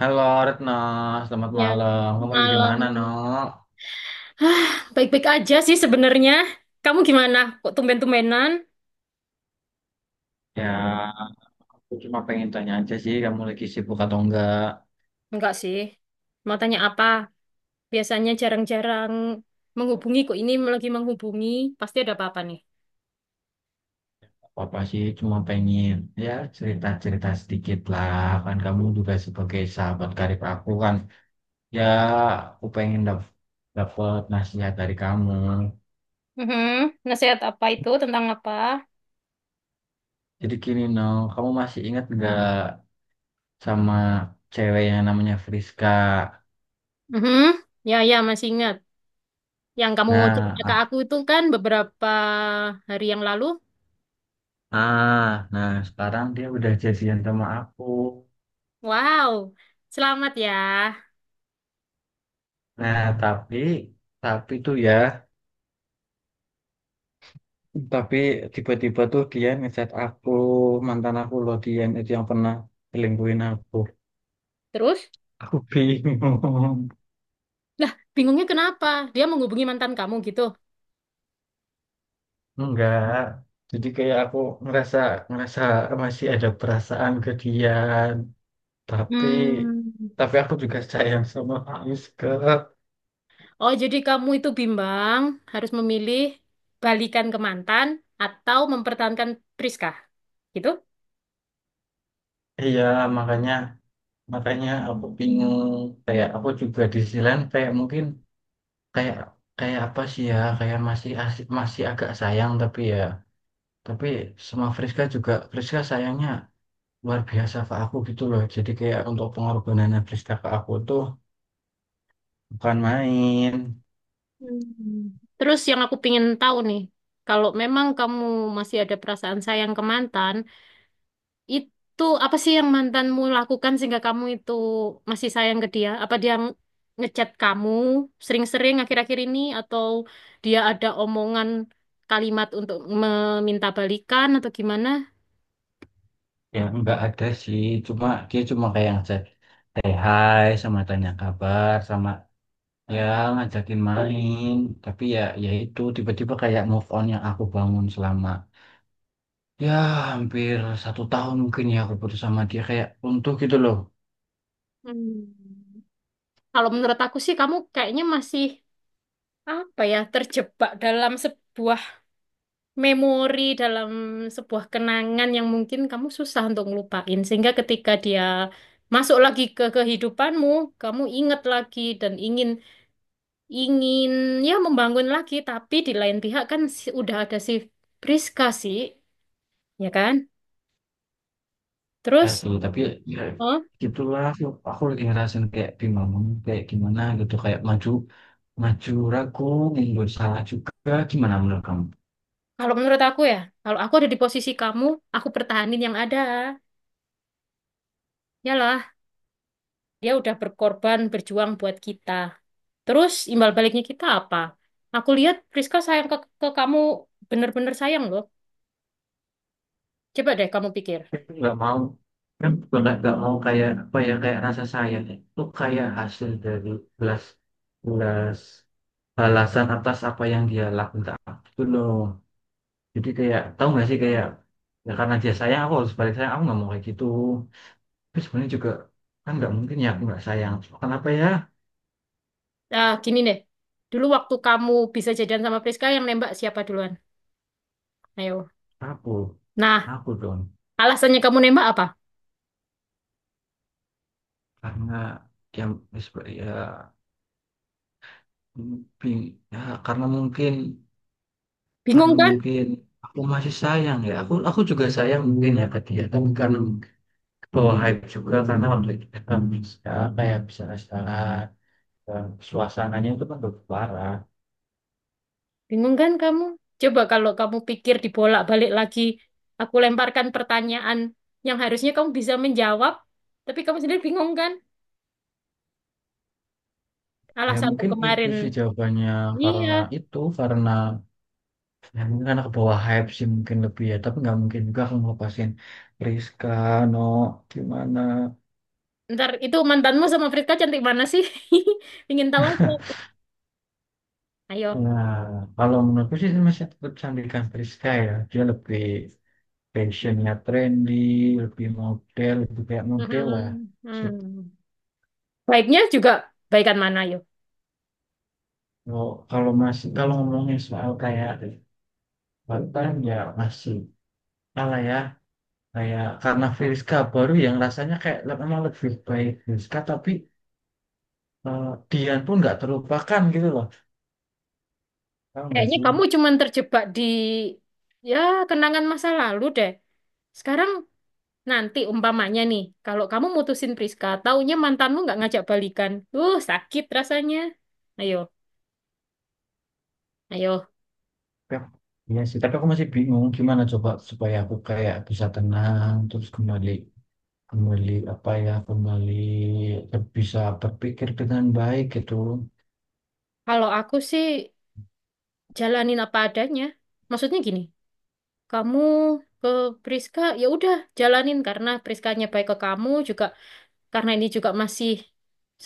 Halo Retno, selamat Ya, malam. Kamu lagi di malam. mana, No? Hah, baik-baik aja sih sebenarnya. Kamu gimana? Kok tumben-tumbenan? Ya, aku cuma pengen tanya aja sih, kamu lagi sibuk atau enggak? Enggak sih. Mau tanya apa? Biasanya jarang-jarang menghubungi. Kok ini lagi menghubungi? Pasti ada apa-apa nih. Apa sih, cuma pengen ya cerita-cerita sedikit lah. Kan kamu juga sebagai sahabat karib aku kan. Ya, aku pengen dapet nasihat dari kamu. Mhm. Nasihat apa itu? Tentang apa? Jadi gini, No, kamu masih ingat enggak sama cewek yang namanya Friska? Mhm. Ya, ya, masih ingat. Yang kamu Nah, cerita ke aku itu kan beberapa hari yang lalu. ah, nah, sekarang dia udah jadian sama aku. Wow, selamat ya. Nah, tapi tuh ya, tapi tiba-tiba tuh dia ngechat aku. Mantan aku loh, dia itu yang pernah selingkuhin aku. Terus? Aku bingung. Lah, bingungnya kenapa? Dia menghubungi mantan kamu gitu. Enggak. Jadi kayak aku ngerasa ngerasa masih ada perasaan ke dia, tapi Hmm. tapi aku juga sayang sama Faiz ke Oh, jadi kamu itu bimbang harus memilih balikan ke mantan atau mempertahankan Priska, gitu? Iya, makanya makanya aku bingung. Kayak aku juga di sisi lain kayak mungkin kayak kayak apa sih ya, kayak masih asik, masih agak sayang, tapi sama Friska juga, Friska sayangnya luar biasa ke aku gitu loh. Jadi kayak untuk pengorbanannya Friska ke aku tuh bukan main. Hmm. Terus yang aku pingin tahu nih, kalau memang kamu masih ada perasaan sayang ke mantan, itu apa sih yang mantanmu lakukan sehingga kamu itu masih sayang ke dia? Apa dia ngechat kamu sering-sering akhir-akhir ini atau dia ada omongan kalimat untuk meminta balikan atau gimana? Ya nggak ada sih, cuma dia kayak ngajak hey, hai, sama tanya kabar, sama, ya, ngajakin main. Tapi, ya, itu tiba-tiba kayak move on yang aku bangun selama, ya, hampir satu tahun mungkin, ya, aku putus sama dia kayak runtuh gitu loh. Hmm. Kalau menurut aku sih kamu kayaknya masih apa ya terjebak dalam sebuah memori, dalam sebuah kenangan yang mungkin kamu susah untuk ngelupain. Sehingga ketika dia masuk lagi ke kehidupanmu, kamu ingat lagi dan ingin ingin ya membangun lagi. Tapi di lain pihak kan udah ada si Priska sih, ya kan? Ya Terus, sih, tapi ya oh, gitulah aku, lagi ngerasain kayak bingung kayak gimana gitu, kayak maju, maju ragu, nggak salah juga, gimana menurut kamu? kalau menurut aku ya, kalau aku ada di posisi kamu, aku pertahanin yang ada. Yalah, dia udah berkorban, berjuang buat kita. Terus imbal baliknya kita apa? Aku lihat Priska sayang ke kamu, bener-bener sayang loh. Coba deh kamu pikir. Aku nggak mau, kan, nggak mau kayak apa ya, kayak rasa sayang itu kayak hasil dari belas belas balasan atas apa yang dia lakukan, itu loh. Jadi kayak, tahu nggak sih, kayak, ya karena dia sayang, aku harus balik sayang, aku nggak mau kayak gitu. Tapi sebenarnya juga kan nggak mungkin ya aku nggak sayang. Kenapa ya? Ah, gini deh, dulu waktu kamu bisa jadian sama Priska yang nembak siapa duluan? Ayo. aku Nah, aku dong. alasannya kamu nembak apa? Karena yang disp- ya, bing- ya, karena mungkin karena Bingung kan? mungkin aku masih sayang ya aku juga sayang mungkin ya ke dia. Tapi karena bawa hype juga, karena waktu itu kita bisa suasananya itu kan lebih parah. Bingung kan kamu? Coba kalau kamu pikir dibolak-balik lagi, aku lemparkan pertanyaan yang harusnya kamu bisa menjawab, tapi kamu sendiri bingung kan? Ya Alasanmu mungkin itu kemarin. sih jawabannya. Karena Iya, itu, karena ya mungkin karena ke bawah hype sih mungkin lebih, ya. Tapi nggak mungkin juga aku ngelepasin Rizka, No. Gimana ntar itu mantanmu sama Friska cantik mana sih? Ingin tahu aja. Ayo. Nah, kalau menurutku sih masih tetap Sandika Friska, ya. Dia lebih fashionnya trendy, lebih model, lebih kayak model lah. Mhm. Gitu. Hmm. Baiknya juga baikan mana, ayo. Kalau ngomongin soal kayak Banten ya masih kalah, ya. Kayak karena Friska baru yang rasanya kayak memang lebih baik Friska, tapi eh, Dian pun nggak terlupakan gitu loh. Tahu nggak Kayaknya sih? kamu cuman terjebak di ya kenangan masa lalu deh. Sekarang nanti umpamanya nih, kalau kamu mutusin Priska, taunya mantanmu nggak ngajak balikan. Sakit rasanya. Ayo, ayo. Ya, iya sih, tapi aku masih bingung gimana coba supaya aku kayak bisa tenang terus kembali kembali apa ya kembali ber- bisa berpikir dengan baik gitu. Kalau aku sih jalanin apa adanya. Maksudnya gini, kamu ke Priska ya udah jalanin karena Priskanya baik ke kamu juga karena ini juga masih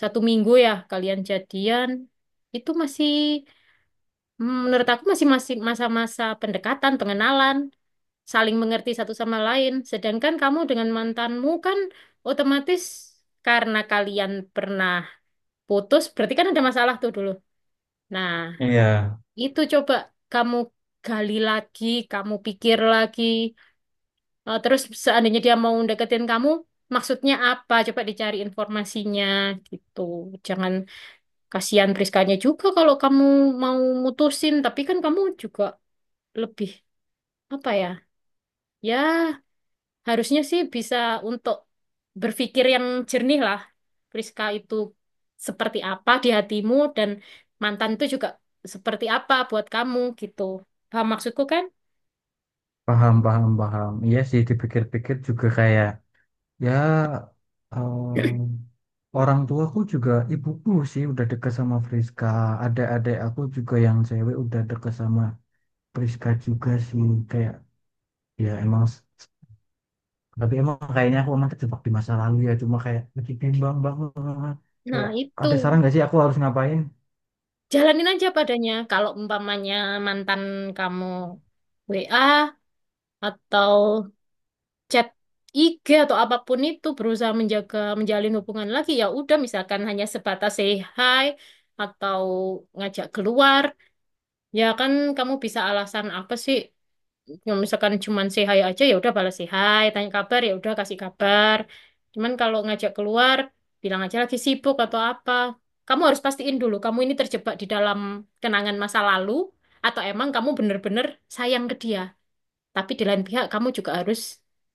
satu minggu ya kalian jadian, itu masih menurut aku masih masih masa-masa pendekatan, pengenalan, saling mengerti satu sama lain. Sedangkan kamu dengan mantanmu kan otomatis karena kalian pernah putus, berarti kan ada masalah tuh dulu. Nah, Iya, itu coba kamu gali lagi, kamu pikir lagi. Eh, terus seandainya dia mau deketin kamu, maksudnya apa? Coba dicari informasinya gitu. Jangan Kasihan Priskanya juga kalau kamu mau mutusin, tapi kan kamu juga lebih apa ya? Ya, harusnya sih bisa untuk berpikir yang jernih lah. Priska itu seperti apa di hatimu dan mantan itu juga seperti apa buat kamu gitu. Paham maksudku kan? paham, paham, paham. Iya sih, dipikir-pikir juga kayak, ya, em, orang tuaku juga, ibuku sih udah deket sama Friska. Adik-adik aku juga yang cewek udah deket sama Friska juga sih. Kayak, ya emang, tapi emang kayaknya aku emang terjebak di masa lalu, ya. Cuma kayak, lagi bimbang banget. Nah, Kayak, itu. ada saran gak sih aku harus ngapain? Jalanin aja padanya. Kalau umpamanya mantan kamu WA atau chat IG atau apapun itu berusaha menjaga menjalin hubungan lagi ya udah misalkan hanya sebatas say hi atau ngajak keluar ya kan kamu bisa alasan apa sih ya, misalkan cuman say hi aja ya udah balas say hi tanya kabar ya udah kasih kabar cuman kalau ngajak keluar bilang aja lagi sibuk atau apa kamu harus pastiin dulu kamu ini terjebak di dalam kenangan masa lalu atau emang kamu bener-bener sayang ke dia tapi di lain pihak kamu juga harus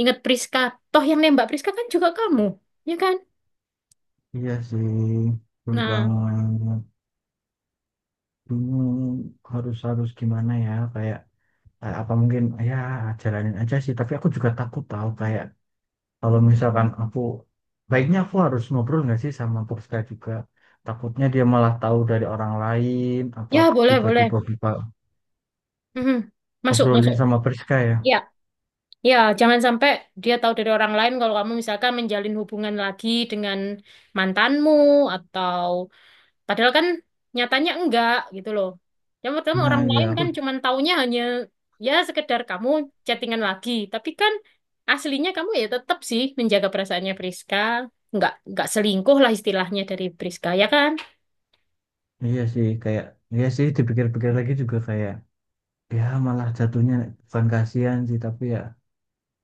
ingat Priska. Toh yang nembak Priska kan juga kamu, ya kan? Iya sih, Nah, berbangun bingung harus harus gimana ya, kayak, apa mungkin, ya jalanin aja sih. Tapi aku juga takut, tahu, kayak kalau misalkan aku, baiknya aku harus ngobrol nggak sih sama Puspa juga. Takutnya dia malah tahu dari orang lain, apa ya boleh, boleh. tiba-tiba buka Mhm. Masuk, obrolin masuk. sama Priska, ya. Ya, ya, jangan sampai dia tahu dari orang lain kalau kamu misalkan menjalin hubungan lagi dengan mantanmu atau Padahal kan nyatanya enggak gitu loh. Yang pertama Nah, orang ya lain aku kan cuman taunya hanya ya sekedar kamu chattingan lagi. Tapi kan aslinya kamu ya tetap sih menjaga perasaannya Priska. Enggak selingkuh lah istilahnya dari Priska ya kan? iya sih, kayak iya sih, dipikir-pikir lagi juga kayak, ya malah jatuhnya bukan kasihan sih, tapi ya.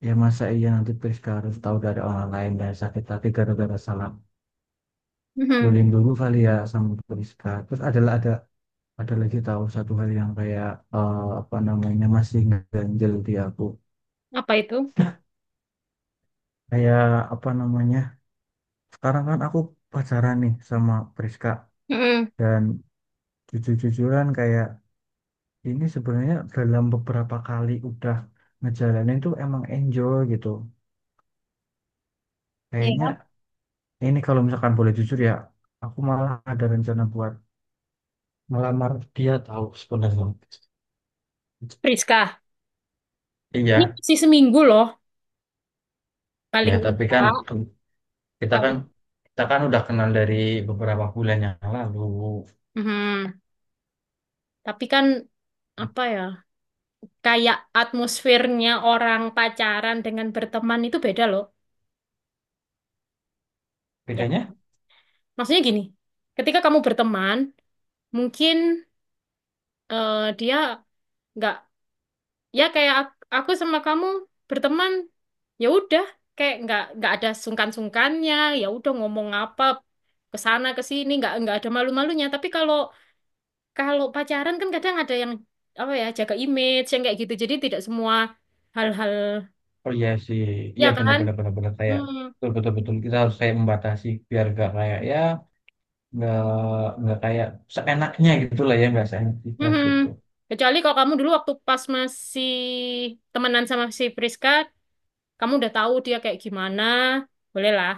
Ya masa iya nanti Priska harus tahu dari orang lain dan sakit hati gara-gara salah Mhm. bullying dulu kali ya sama Priska. Terus ada lagi, tahu, satu hal yang kayak, apa namanya, masih ganjel di aku. Apa itu? Kayak apa namanya? Sekarang kan aku pacaran nih sama Priska, Mhm. dan jujur-jujuran kayak ini sebenarnya dalam beberapa kali udah ngejalanin tuh emang enjoy gitu. Kayaknya Iya. ini kalau misalkan boleh jujur ya, aku malah ada rencana buat melamar dia, tahu, sebenarnya. Priska. Iya, Ini masih seminggu loh. ya Paling tapi kan enggak. kita kan Paling. kita kan udah kenal dari beberapa bulan yang lalu. Mhm. Tapi kan apa ya? Kayak atmosfernya orang pacaran dengan berteman itu beda loh. Ya Bedanya, Maksudnya gini, ketika kamu berteman, mungkin dia nggak, ya kayak aku sama kamu berteman, ya udah, kayak nggak ada sungkan-sungkannya, ya udah ngomong apa ke sana ke sini, nggak ada malu-malunya. Tapi kalau kalau pacaran kan kadang ada yang apa ya jaga image yang kayak gitu, jadi tidak semua hal-hal, oh iya sih, ya iya kan? benar-benar kayak, Hmm, betul-betul betul kita harus kayak membatasi, biar gak kayak, ya, nggak nggak kayak seenaknya gitu lah, ya nggak seenak kita hmm. gitu. Kecuali kalau kamu dulu waktu pas masih temenan sama si Priska, kamu udah tahu dia kayak gimana, bolehlah.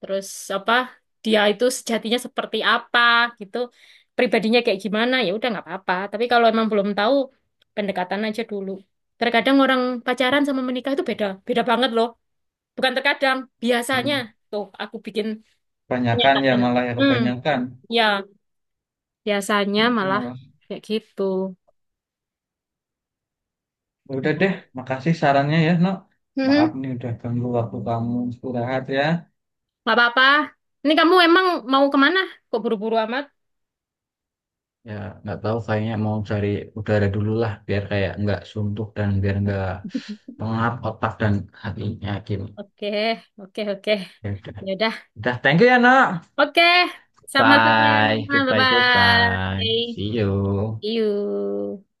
Terus apa, dia itu sejatinya seperti apa gitu, pribadinya kayak gimana, ya udah nggak apa-apa. Tapi kalau emang belum tahu, pendekatan aja dulu. Terkadang orang pacaran sama menikah itu beda, beda banget loh. Bukan terkadang, biasanya. Hmm. Tuh, aku bikin Kebanyakan ya pernyataan. malah, ya Hmm, kebanyakan ya, biasanya itu malah malah. kayak gitu. Ya udah deh, makasih sarannya ya, Nok. Maaf Hmm, nih udah ganggu waktu kamu istirahat, ya. nggak apa-apa. Ini kamu emang mau kemana? Kok buru-buru amat? Ya, nggak tahu kayaknya mau cari udara dulu lah biar kayak nggak suntuk dan biar nggak pengap otak dan hatinya gini. Oke, oke, oke. Ya udah. Ya udah. Udah, thank you ya, Nok. Oke, sama-sama. Bye. Goodbye, Bye-bye. goodbye. See See you. you.